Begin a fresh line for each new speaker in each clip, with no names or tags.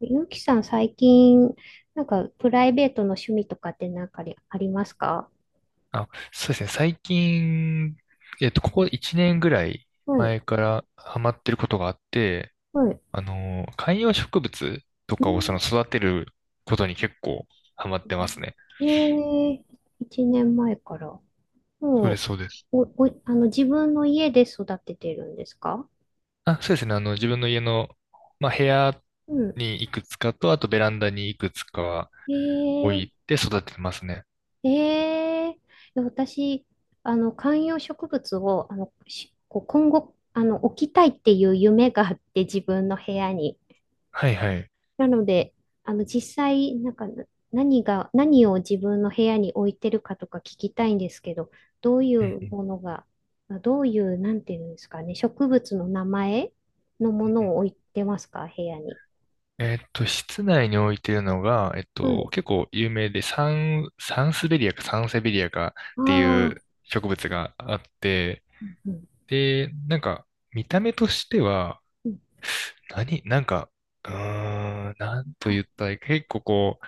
ゆうきさん、最近、なんか、プライベートの趣味とかってなんかありますか？
あ、そうですね。最近、ここ1年ぐらい
はい、
前からハマってることがあって、
はい。
観葉植物と
う
かを
ん。
育てることに結構ハマってますね。
えーいちねんまえ一年前から。も
そうで
う、
す、そうです。
お、お、あの、自分の家で育ててるんですか？
あ、そうですね。自分の家の、まあ、部屋
うん。
にいくつかと、あとベランダにいくつかは置
ええ
いて育ててますね。
ええ、いや、私、あの、観葉植物を、あの、しこう今後、あの、置きたいっていう夢があって、自分の部屋に。
はいはい。
なので、あの、実際、なんか、何が、何を自分の部屋に置いてるかとか聞きたいんですけど、どうい
うん
う
うん
ものが、どういう、なんていうんですかね、植物の名前のも
う
の
ん
を
う
置
ん。
いてますか、部屋に。
室内に置いてるのが、
はい。
結構有名で、サンスベリアかサンセベリアか
あ
っていう
あ、
植物があって、
うん。
で、なんか、見た目としては、
うん
なんか、うーなんと
は
言ったらいいか、結構こう、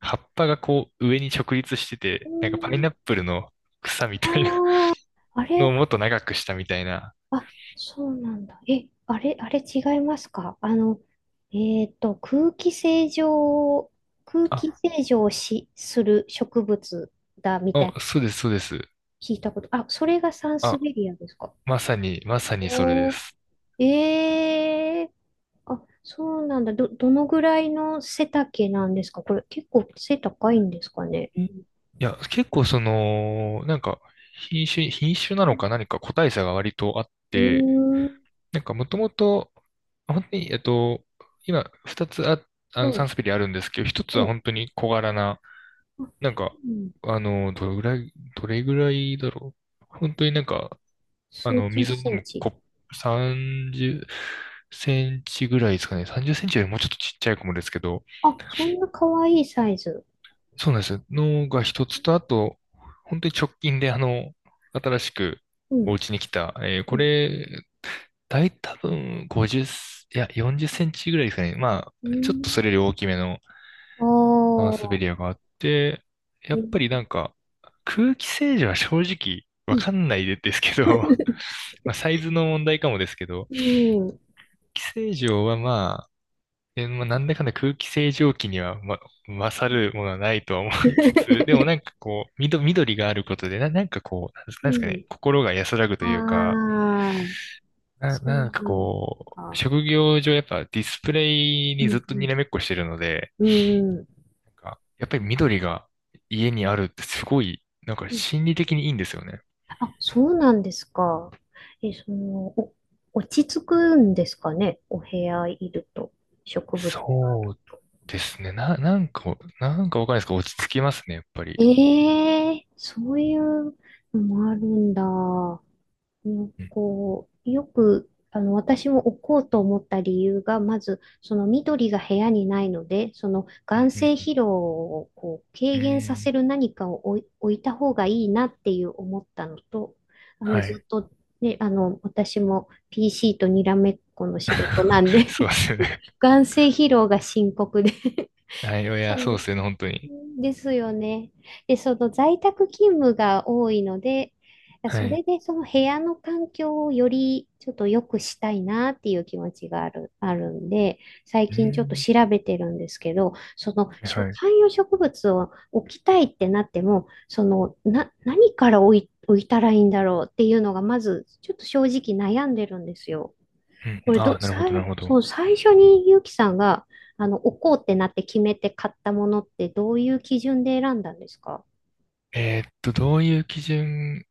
葉っぱがこう、上に直立して
う
て、なんかパイ
ん
ナップルの草み
あ
たいな
ああ
のを
れ、
もっと長くしたみたいな。
あ、そうなんだ。え、あれ、あれ違いますか？あの、えっと、空気清浄、空気
あ、
清浄をする植物だみたい
あ、
な、
そうです、そうです。
聞いたこと。あ、それがサンス
あ、
ベリアですか？
まさに、まさにそれで
おー、
す。
ええ、あ、そうなんだ。どのぐらいの背丈なんですか？これ結構背高いんですかね？
えいや、結構その、なんか、品種なのか何か個体差が割とあっ
うー
て、
ん、
なんかもともと、本当に、今、二つ
は
サ
い、
ンスペリあるんですけど、一つ
う
は
ん、
本当に小柄な、
あ、
なんか、
うん、
どれぐらいだろう。本当になんか、
数十
水を飲
セン
む
チ。
コップ30センチぐらいですかね。30センチよりもうちょっとちっちゃい子もですけど、
あ、そんな可愛いサイズ。
そうなんです。のが一つと、あと、本当に直近で、新しく
う
お
ん、
家に来た、
う
こ
ん
れ、大多分50、いや、40センチぐらいですかね。ま
う
あ、ちょっとそ
ん。
れより大きめの
お、
マンスベリアがあって、や
え
っぱりな
ー
んか、空気清浄は正直
う
わ
ん。
かんないですけど、まあ、サイズの問題かもですけど、
うん。
空気清浄はまあ、なんだかんだ空気清浄機には、ま、勝るものはないとは思いつつ、でもなんかこう、緑があることで、なんかこう、なんです
う
なんですか
ん。
ね、心が安らぐというか、
ああ、そう
なんか
なん
こう、
か。
職業上やっぱディスプレイ
う
にずっ
ん
と
う
に
ん。
らめっこしてるので、
うん。
なんか、やっぱり緑が家にあるってすごい、なんか
うん。
心理的にいいんですよね。
あ、そうなんですか。え、その、お、落ち着くんですかね。お部屋いると。植物がある
そう
と。
ですね。なんかわかんないですけど、落ち着きますね、やっぱり。
ええ、そういうのもあるんだ。うん。
うん、
こう、よく、あの、私も置こうと思った理由が、まず、その緑が部屋にないので、その眼
う
性
ん、
疲労をこう
う
軽
ん。う
減させ
ん、
る何かを置いた方がいいなっていう思ったのと、あの、
は
ず
い。
っと、ね、あの、私も PC とにらめっこの仕事なん で
そうですよね。
眼性疲労が深刻で
はい、い
そ
や、そうで
の、
すよね、本当に。
ですよね。で、その在宅勤務が多いので、
は
それ
い。
でその部屋の環境をよりちょっと良くしたいなっていう気持ちがあるんで、最
う
近ちょっと
ん。
調べてるんですけど、その
はいはい。
観葉植物を置きたいってなっても、その何から置いたらいいんだろうっていうのがまずちょっと正直悩んでるんですよ。
う
こ
ん。
れ
あ
ど、
あ、なるほど、なる
最、
ほ
そ
ど。
う、最初にゆうきさんが、あの、置こうってなって決めて買ったものってどういう基準で選んだんですか？
どういう基準、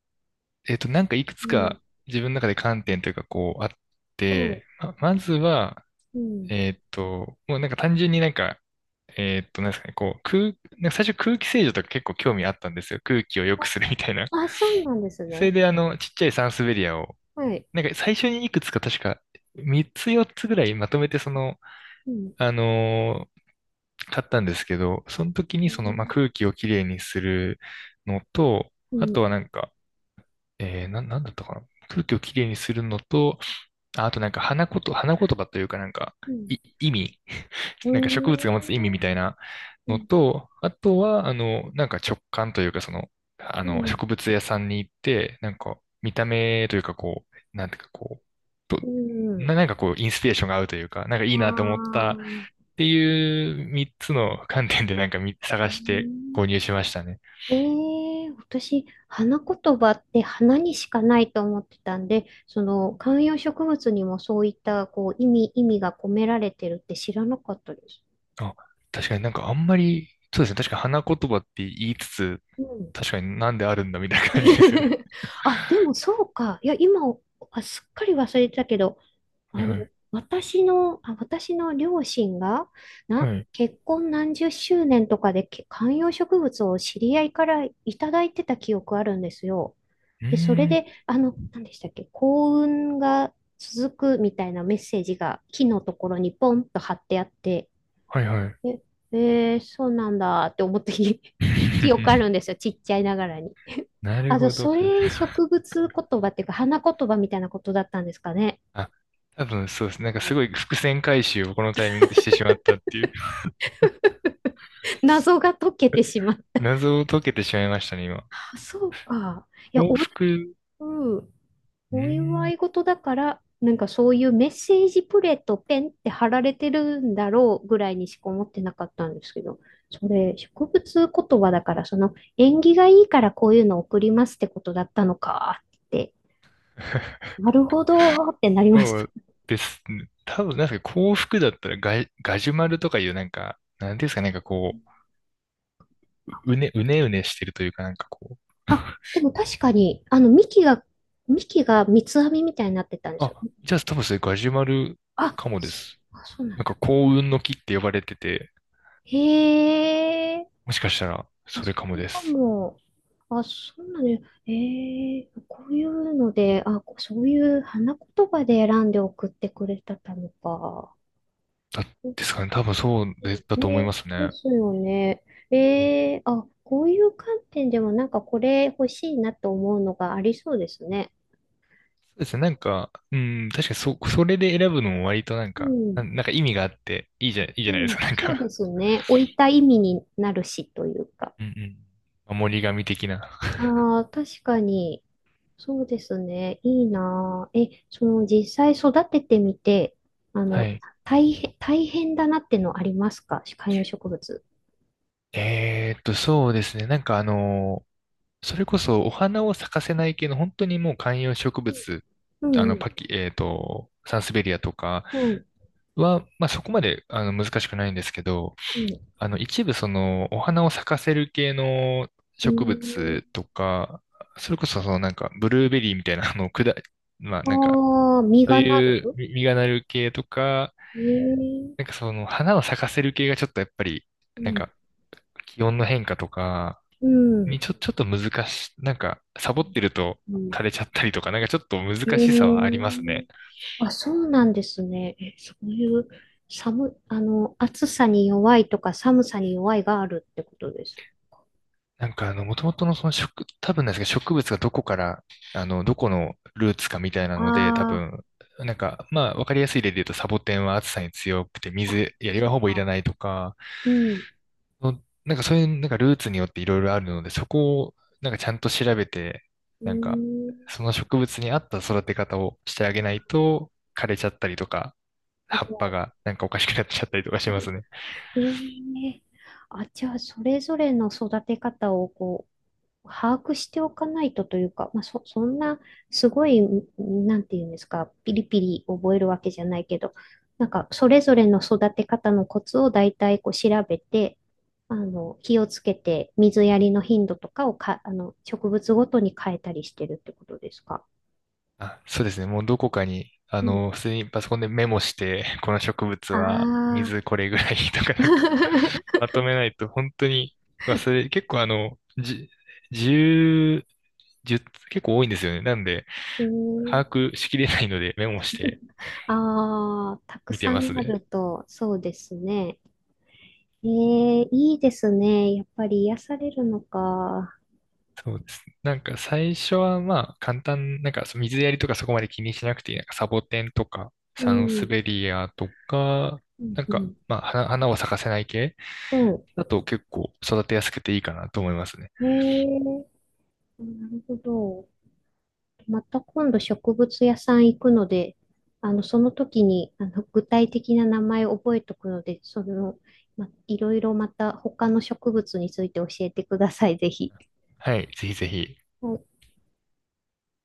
なんかいくつ
うん。
か自分の中で観点というか、こう、あっ
はい。
て、まずは、
うん。
もうなんか単純になんか、なんですかね、こう、なんか最初空気清浄とか結構興味あったんですよ。空気を良く
あ、
するみたいな。
あ、そうなんです
それ
ね。
で、ちっちゃいサンスベリアを、
はい。
なんか最初にいくつか確か、3つ4つぐらいまとめて
うん。
あの買ったんですけど、その時
う
にまあ、
ん。
空気をきれいにするのと、
う
あと
ん。
はなんか、なんだったかな。空気をきれいにするのと、あとなんか花言葉というかなんか、
うん。
意味、
う
なんか植
ん。
物が持つ意味みたいな
う
の
ん。
と、あとは、なんか直感というか、その、
うん。
植物屋さんに行って、なんか、見た目というか、こう、なんていうか、こう、と
うん。
なんかこう、インスピレーションが合うというか、なんかい
あ
いなと思っ
あ
たっ
ー、
ていう3つの観点でなんか
う
探して
ん。
購入しましたね。
ええ、私、花言葉って花にしかないと思ってたんで、その観葉植物にもそういったこう意味が込められてるって知らなかったです。
あ、確かになんかあんまり、そうですね。確か花言葉って言いつつ、
うん。
確かになんであるんだみたいな感じですよね。
あ、でもそうか。いや、今、あ、すっかり忘れてたけど、
は
あ
いは
の、
い。
あ、私の両親が、
はい。
結婚何十周年とかで観葉植物を知り合いからいただいてた記憶あるんですよ。
う
で、それ
ーん。
で、あの、何でしたっけ、幸運が続くみたいなメッセージが木のところにポンと貼ってあって、
はいはい。
え、えーそうなんだって思った 記憶あるんです よ、ちっちゃいながらに。
な
あ
る
の、
ほど。
それ植物言葉っていうか、花言葉みたいなことだったんですかね。
あ、多分そうですね。なんかすごい伏線回収をこのタイミングでしてしまったっていう。
謎が解けてしまう。
謎を解けてしまいましたね、今。
あ、そうか。いや、
幸
お、
福。
うん、
う
お
ー
祝い
ん。
事だから、なんかそういうメッセージプレートペンって貼られてるんだろうぐらいにしか思ってなかったんですけど、それ植物言葉だから、その縁起がいいからこういうの送りますってことだったのかって、なるほどってなりまし
そ
た。
うですね。多分、なんか幸福だったらガジュマルとかいうなんか、なんていうんですか、なんかこう、うねうねしてるというか、なんかこう。
あ、でも確かに、幹が三つ編みみたいになってたんですよ。
あ、じゃあ多分それガジュマル
あ、
かもです。
そうな
なん
ん
か
だ。
幸運の木って呼ばれてて、
へえ。
もしかしたら
あ、
それ
そ
かも
れ
で
か
す。
も。あ、そうなのよ。ええ、こういうので、あ、そういう花言葉で選んで送ってくれてたのか。
だ、
うん、
ですかね。多分そうで、だと思いま
ね、
す
で
ね。
すよね。ええ、あ、こういう観点でもなんかこれ欲しいなと思うのがありそうですね。
そうですね。なんか、うん、確かにそれで選ぶのも割となん
う
か、
ん、
なんか意味があって、いいじ
う
ゃないです
ん、
か。なん
そうで
か、
すね。置いた意味になるしというか。
うんうん。守り神的な。
ああ、確かに。そうですね。いいなぁ。え、その実際育ててみて、あ
は
の、
い。
大変だなってのありますか観葉植物？
そうですね。なんかそれこそお花を咲かせない系の本当にもう観葉植物、
うん、
パキ、えーっと、サンスベリアとか
うん、うん、
は、まあそこまで難しくないんですけど、
うん。
一部そのお花を咲かせる系の
う
植
ん。
物とか、それこそそのなんかブルーベリーみたいなまあなんか、
ああ、実
そう
がな
いう
る。
実がなる系とか、
えー、
なんかその花を咲かせる系がちょっとやっぱり、
う
なん
ん、
か気温の変化とか、
う
に
ん、
ちょっと難し、なんか、サボってると
うん。
枯れちゃったりとか、なんかちょっと
え
難しさはあります
ー、
ね。
あ、そうなんですね。え、そういうあの、暑さに弱いとか寒さに弱いがあるってことです。
なんか、もともとのその多分なんですけど、植物がどこから、どこのルーツかみたいなので、多
あ
分、なんか、まあ、わかりやすい例で言うと、サボテンは暑さに強くて、
あ、あ、
水やり
そ
は
っ
ほぼいら
か。
ないとか、
うん、
そういう、なんかルーツによっていろいろあるので、そこを、なんかちゃんと調べて、
う
なんか、
ーん。
その植物に合った育て方をしてあげないと、枯れちゃったりとか、
る
葉
ほ
っぱ
ど。
がなんかおかしくなっちゃったりとかしますね。
ええ、あ、じゃあ、それぞれの育て方をこう、把握しておかないとというか、まあ、そんな、すごい、なんていうんですか、ピリピリ覚えるわけじゃないけど、なんか、それぞれの育て方のコツを大体こう調べて、あの、気をつけて、水やりの頻度とかをあの、植物ごとに変えたりしてるってことですか？
あ、そうですね。もうどこかに、
うん。
普通にパソコンでメモして、この植物
あ
は
あ。
水これぐらいとかなんか まとめないと本当に忘れ、結構10、じゅう結構多いんですよね。なんで、
うーん、
把握しきれないのでメモして
ああ、たく
見て
さ
ます
んある
ね。
と、そうですね。ええ、いいですね。やっぱり癒されるのか。
そうですね。なんか最初はまあ簡単、なんかそう水やりとかそこまで気にしなくていい。なんかサボテンとか
う
サンス
ん。
ベリアとか、
うん、
なん
う
か
ん、
まあ花を咲かせない系
う
だと結構育てやすくていいかなと思いますね。
ん。ええ、なるほど。また今度植物屋さん行くので、あの、その時に、あの、具体的な名前を覚えとくので、その、ま、いろいろまた他の植物について教えてください、ぜひ。
はい。ぜひぜひ。
はい